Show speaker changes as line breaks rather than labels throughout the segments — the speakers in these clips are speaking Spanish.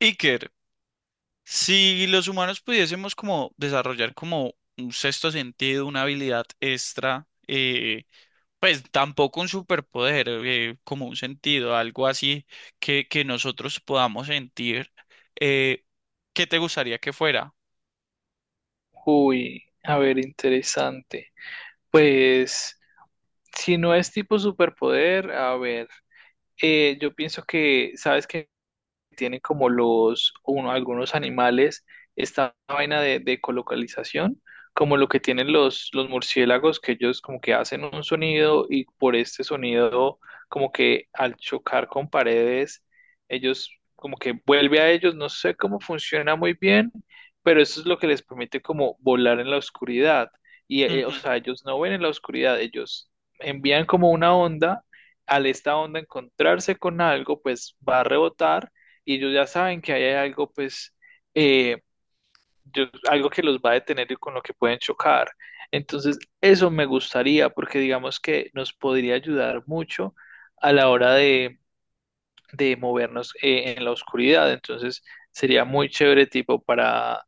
Iker, si los humanos pudiésemos como desarrollar como un sexto sentido, una habilidad extra, pues tampoco un superpoder, como un sentido, algo así que nosotros podamos sentir, eh, ¿qué te gustaría que fuera?
Uy, a ver, interesante. Pues, si no es tipo superpoder, a ver, yo pienso que, ¿sabes qué? Tienen como algunos animales, esta vaina de colocalización, como lo que tienen los murciélagos, que ellos como que hacen un sonido y por este sonido, como que al chocar con paredes, ellos como que vuelve a ellos, no sé cómo funciona muy bien, pero eso es lo que les permite como volar en la oscuridad. O
Ujú.
sea, ellos no ven en la oscuridad, ellos envían como una onda, al esta onda encontrarse con algo, pues va a rebotar y ellos ya saben que ahí hay algo, pues, eh, algo que los va a detener y con lo que pueden chocar. Entonces, eso me gustaría porque digamos que nos podría ayudar mucho a la hora de movernos en la oscuridad. Entonces, sería muy chévere tipo para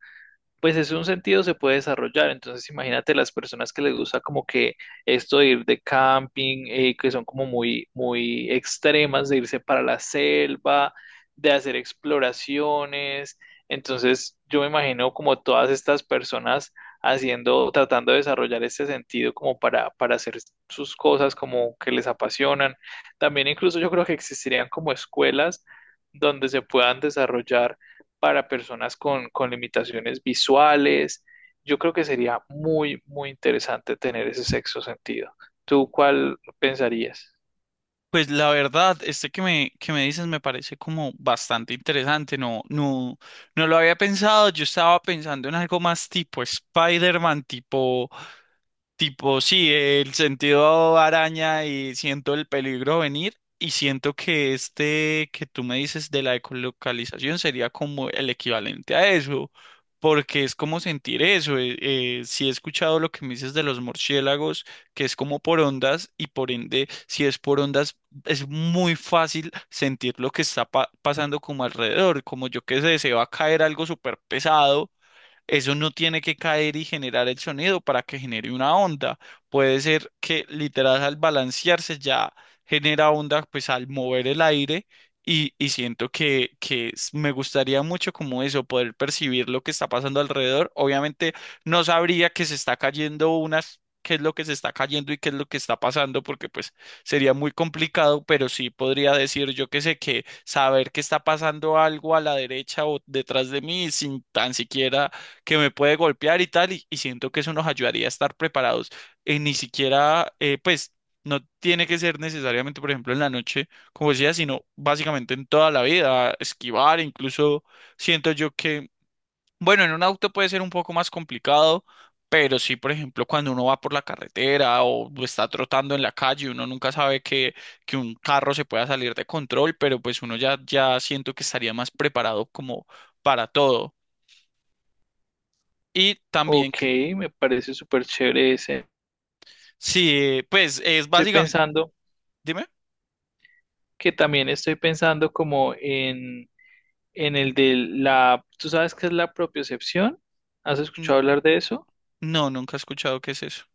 pues es un sentido se puede desarrollar. Entonces, imagínate las personas que les gusta como que esto de ir de camping, que son como muy, muy extremas, de irse para la selva, de hacer exploraciones. Entonces, yo me imagino como todas estas personas haciendo, tratando de desarrollar este sentido como para hacer sus cosas como que les apasionan. También incluso yo creo que existirían como escuelas donde se puedan desarrollar para personas con limitaciones visuales. Yo creo que sería muy, muy interesante tener ese sexto sentido. ¿Tú cuál pensarías?
Pues la verdad, este que me dices me parece como bastante interesante, no lo había pensado. Yo estaba pensando en algo más tipo Spider-Man, tipo sí, el sentido araña y siento el peligro venir y siento que este que tú me dices de la ecolocalización sería como el equivalente a eso, porque es como sentir eso. Sí he escuchado lo que me dices de los murciélagos, que es como por ondas y por ende, si es por ondas, es muy fácil sentir lo que está pasando como alrededor, como yo que sé, se va a caer algo súper pesado. Eso no tiene que caer y generar el sonido para que genere una onda. Puede ser que literal al balancearse ya genera onda pues al mover el aire y siento que, me gustaría mucho como eso, poder percibir lo que está pasando alrededor. Obviamente no sabría que se está cayendo unas, qué es lo que se está cayendo y qué es lo que está pasando, porque pues sería muy complicado, pero sí podría decir yo que sé que saber que está pasando algo a la derecha o detrás de mí sin tan siquiera que me puede golpear y tal, y siento que eso nos ayudaría a estar preparados. Ni siquiera, pues, no tiene que ser necesariamente, por ejemplo, en la noche, como decía, sino básicamente en toda la vida, esquivar. Incluso siento yo que, bueno, en un auto puede ser un poco más complicado. Pero sí, por ejemplo, cuando uno va por la carretera o está trotando en la calle, uno nunca sabe que un carro se pueda salir de control, pero pues uno ya, ya siento que estaría más preparado como para todo. Y también
Ok, me parece súper chévere ese.
sí, pues es
Estoy
básicamente,
pensando
dime,
que también estoy pensando como en el de la, ¿tú sabes qué es la propiocepción? ¿Has
N-
escuchado hablar de eso?
no, nunca he escuchado qué es eso.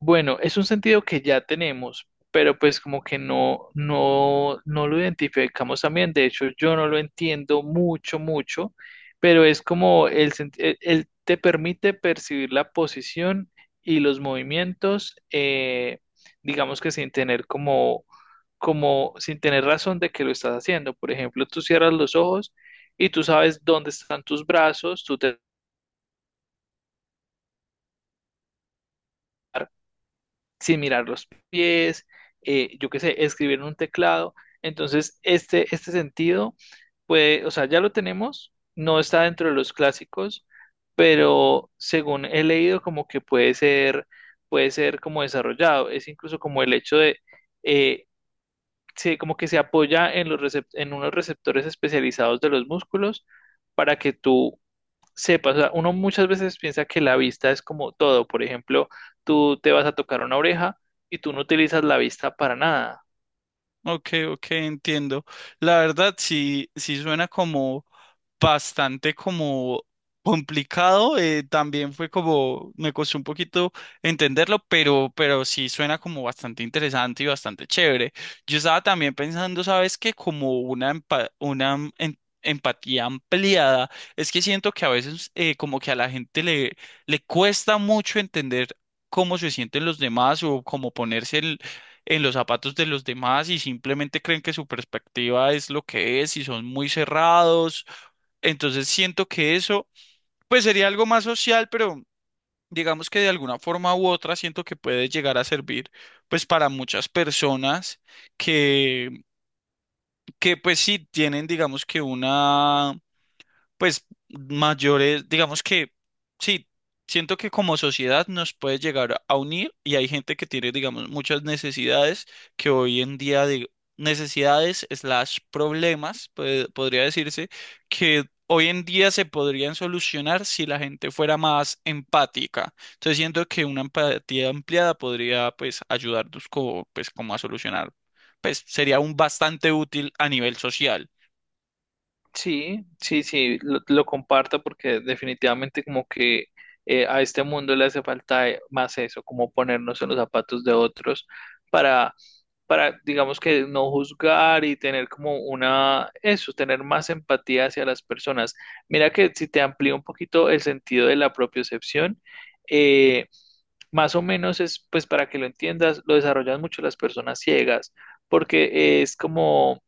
Bueno, es un sentido que ya tenemos, pero pues como que no lo identificamos también. De hecho, yo no lo entiendo mucho, mucho, pero es como el, sen- el- te permite percibir la posición y los movimientos, digamos que sin tener sin tener razón de que lo estás haciendo. Por ejemplo, tú cierras los ojos y tú sabes dónde están tus brazos, tú te sin mirar los pies, yo qué sé, escribir en un teclado. Entonces, este sentido, puede, o sea, ya lo tenemos, no está dentro de los clásicos, pero según he leído, como que puede ser como desarrollado. Es incluso como el hecho de, eh, como que se apoya en en unos receptores especializados de los músculos para que tú sepa, o sea, uno muchas veces piensa que la vista es como todo. Por ejemplo, tú te vas a tocar una oreja y tú no utilizas la vista para nada.
Ok, ok, entiendo. La verdad sí, sí suena como bastante como complicado. También fue como, me costó un poquito entenderlo, pero sí suena como bastante interesante y bastante chévere. Yo estaba también pensando, ¿sabes qué? Como una, empatía ampliada. Es que siento que a veces como que a la gente le, le cuesta mucho entender cómo se sienten los demás o cómo ponerse en los zapatos de los demás, y simplemente creen que su perspectiva es lo que es y son muy cerrados. Entonces siento que eso, pues sería algo más social, pero digamos que de alguna forma u otra siento que puede llegar a servir pues para muchas personas que, que pues sí tienen digamos que una pues mayores, digamos que sí, siento que como sociedad nos puede llegar a unir, y hay gente que tiene, digamos, muchas necesidades que hoy en día, de necesidades slash problemas, pues, podría decirse, que hoy en día se podrían solucionar si la gente fuera más empática. Entonces siento que una empatía ampliada podría, pues, ayudarnos como, pues, como a solucionar, pues, sería un bastante útil a nivel social.
Sí, sí, sí, lo comparto porque definitivamente como que a este mundo le hace falta más eso, como ponernos en los zapatos de otros para, para, digamos que no juzgar y tener como una, eso, tener más empatía hacia las personas. Mira que si te amplío un poquito el sentido de la propiocepción, eh, más o menos es, pues para que lo entiendas, lo desarrollan mucho las personas ciegas, porque es como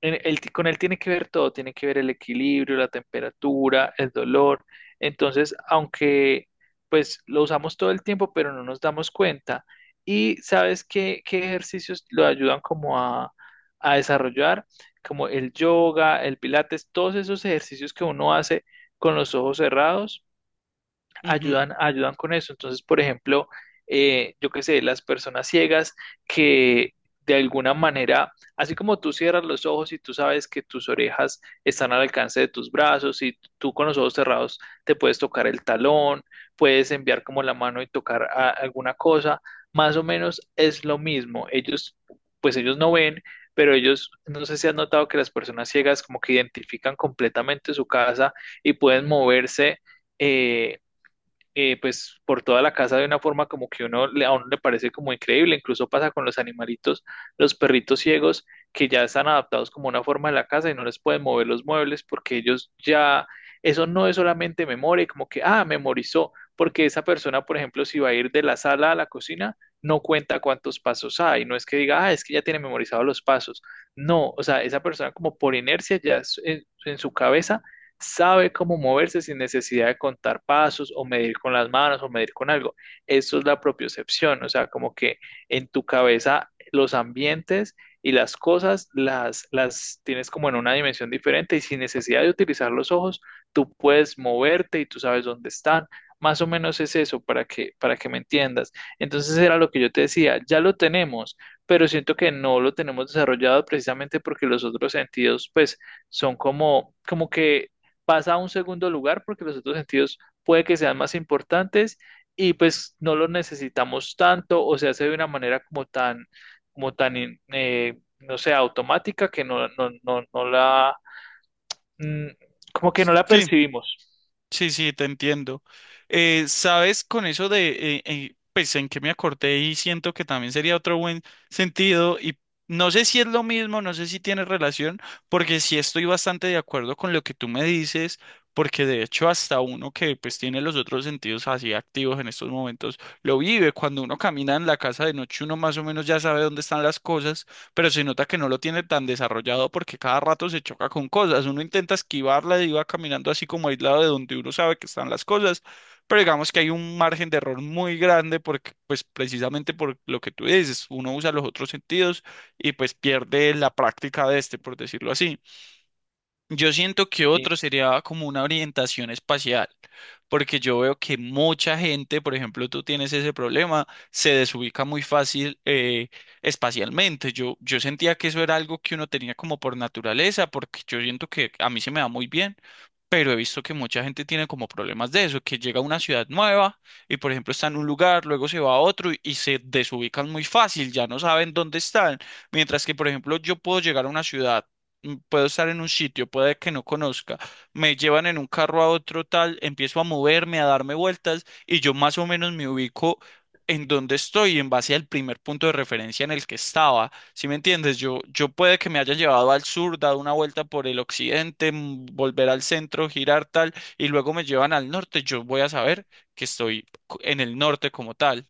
con él tiene que ver todo, tiene que ver el equilibrio, la temperatura, el dolor. Entonces, aunque pues lo usamos todo el tiempo, pero no nos damos cuenta. Y sabes qué, qué ejercicios lo ayudan como a desarrollar, como el yoga, el pilates, todos esos ejercicios que uno hace con los ojos cerrados
Ujú.
ayudan, ayudan con eso. Entonces, por ejemplo, yo qué sé, las personas ciegas que de alguna manera, así como tú cierras los ojos y tú sabes que tus orejas están al alcance de tus brazos y tú con los ojos cerrados te puedes tocar el talón, puedes enviar como la mano y tocar alguna cosa, más o menos es lo mismo. Ellos, pues ellos no ven, pero ellos, no sé si has notado que las personas ciegas como que identifican completamente su casa y pueden moverse. eh, pues por toda la casa de una forma como que uno, a uno le parece como increíble, incluso pasa con los animalitos, los perritos ciegos que ya están adaptados como una forma de la casa y no les pueden mover los muebles porque ellos ya, eso no es solamente memoria, como que, ah, memorizó, porque esa persona, por ejemplo, si va a ir de la sala a la cocina, no cuenta cuántos pasos hay, no es que diga, ah, es que ya tiene memorizados los pasos, no, o sea, esa persona como por inercia ya en su cabeza sabe cómo moverse sin necesidad de contar pasos o medir con las manos o medir con algo. Eso es la propiocepción, o sea, como que en tu cabeza los ambientes y las cosas las tienes como en una dimensión diferente y sin necesidad de utilizar los ojos, tú puedes moverte y tú sabes dónde están. Más o menos es eso para que me entiendas. Entonces era lo que yo te decía, ya lo tenemos, pero siento que no lo tenemos desarrollado precisamente porque los otros sentidos pues son como que pasa a un segundo lugar porque los otros sentidos puede que sean más importantes y pues no los necesitamos tanto o se hace de una manera como tan, no sé, automática que no la, mm, como que no la
Sí.
percibimos.
Sí, sí, te entiendo. Sabes, con eso de, pues en que me acordé y siento que también sería otro buen sentido, y no sé si es lo mismo, no sé si tiene relación, porque sí estoy bastante de acuerdo con lo que tú me dices, porque de hecho hasta uno que pues tiene los otros sentidos así activos en estos momentos, lo vive. Cuando uno camina en la casa de noche, uno más o menos ya sabe dónde están las cosas, pero se nota que no lo tiene tan desarrollado porque cada rato se choca con cosas. Uno intenta esquivarla y va caminando así como aislado de donde uno sabe que están las cosas, pero digamos que hay un margen de error muy grande porque, pues precisamente por lo que tú dices, uno usa los otros sentidos y pues pierde la práctica de este, por decirlo así. Yo siento que
Sí.
otro sería como una orientación espacial, porque yo veo que mucha gente, por ejemplo, tú tienes ese problema, se desubica muy fácil espacialmente. Yo sentía que eso era algo que uno tenía como por naturaleza, porque yo siento que a mí se me da muy bien, pero he visto que mucha gente tiene como problemas de eso, que llega a una ciudad nueva y por ejemplo está en un lugar, luego se va a otro y se desubican muy fácil, ya no saben dónde están. Mientras que por ejemplo yo puedo llegar a una ciudad, mm, puedo estar en un sitio, puede que no conozca, me llevan en un carro a otro tal, empiezo a moverme, a darme vueltas y yo más o menos me ubico en dónde estoy en base al primer punto de referencia en el que estaba. Si me entiendes, yo puede que me haya llevado al sur, dado una vuelta por el occidente, mm, volver al centro, girar tal, y luego me llevan al norte. Yo voy a saber que estoy en el norte como tal.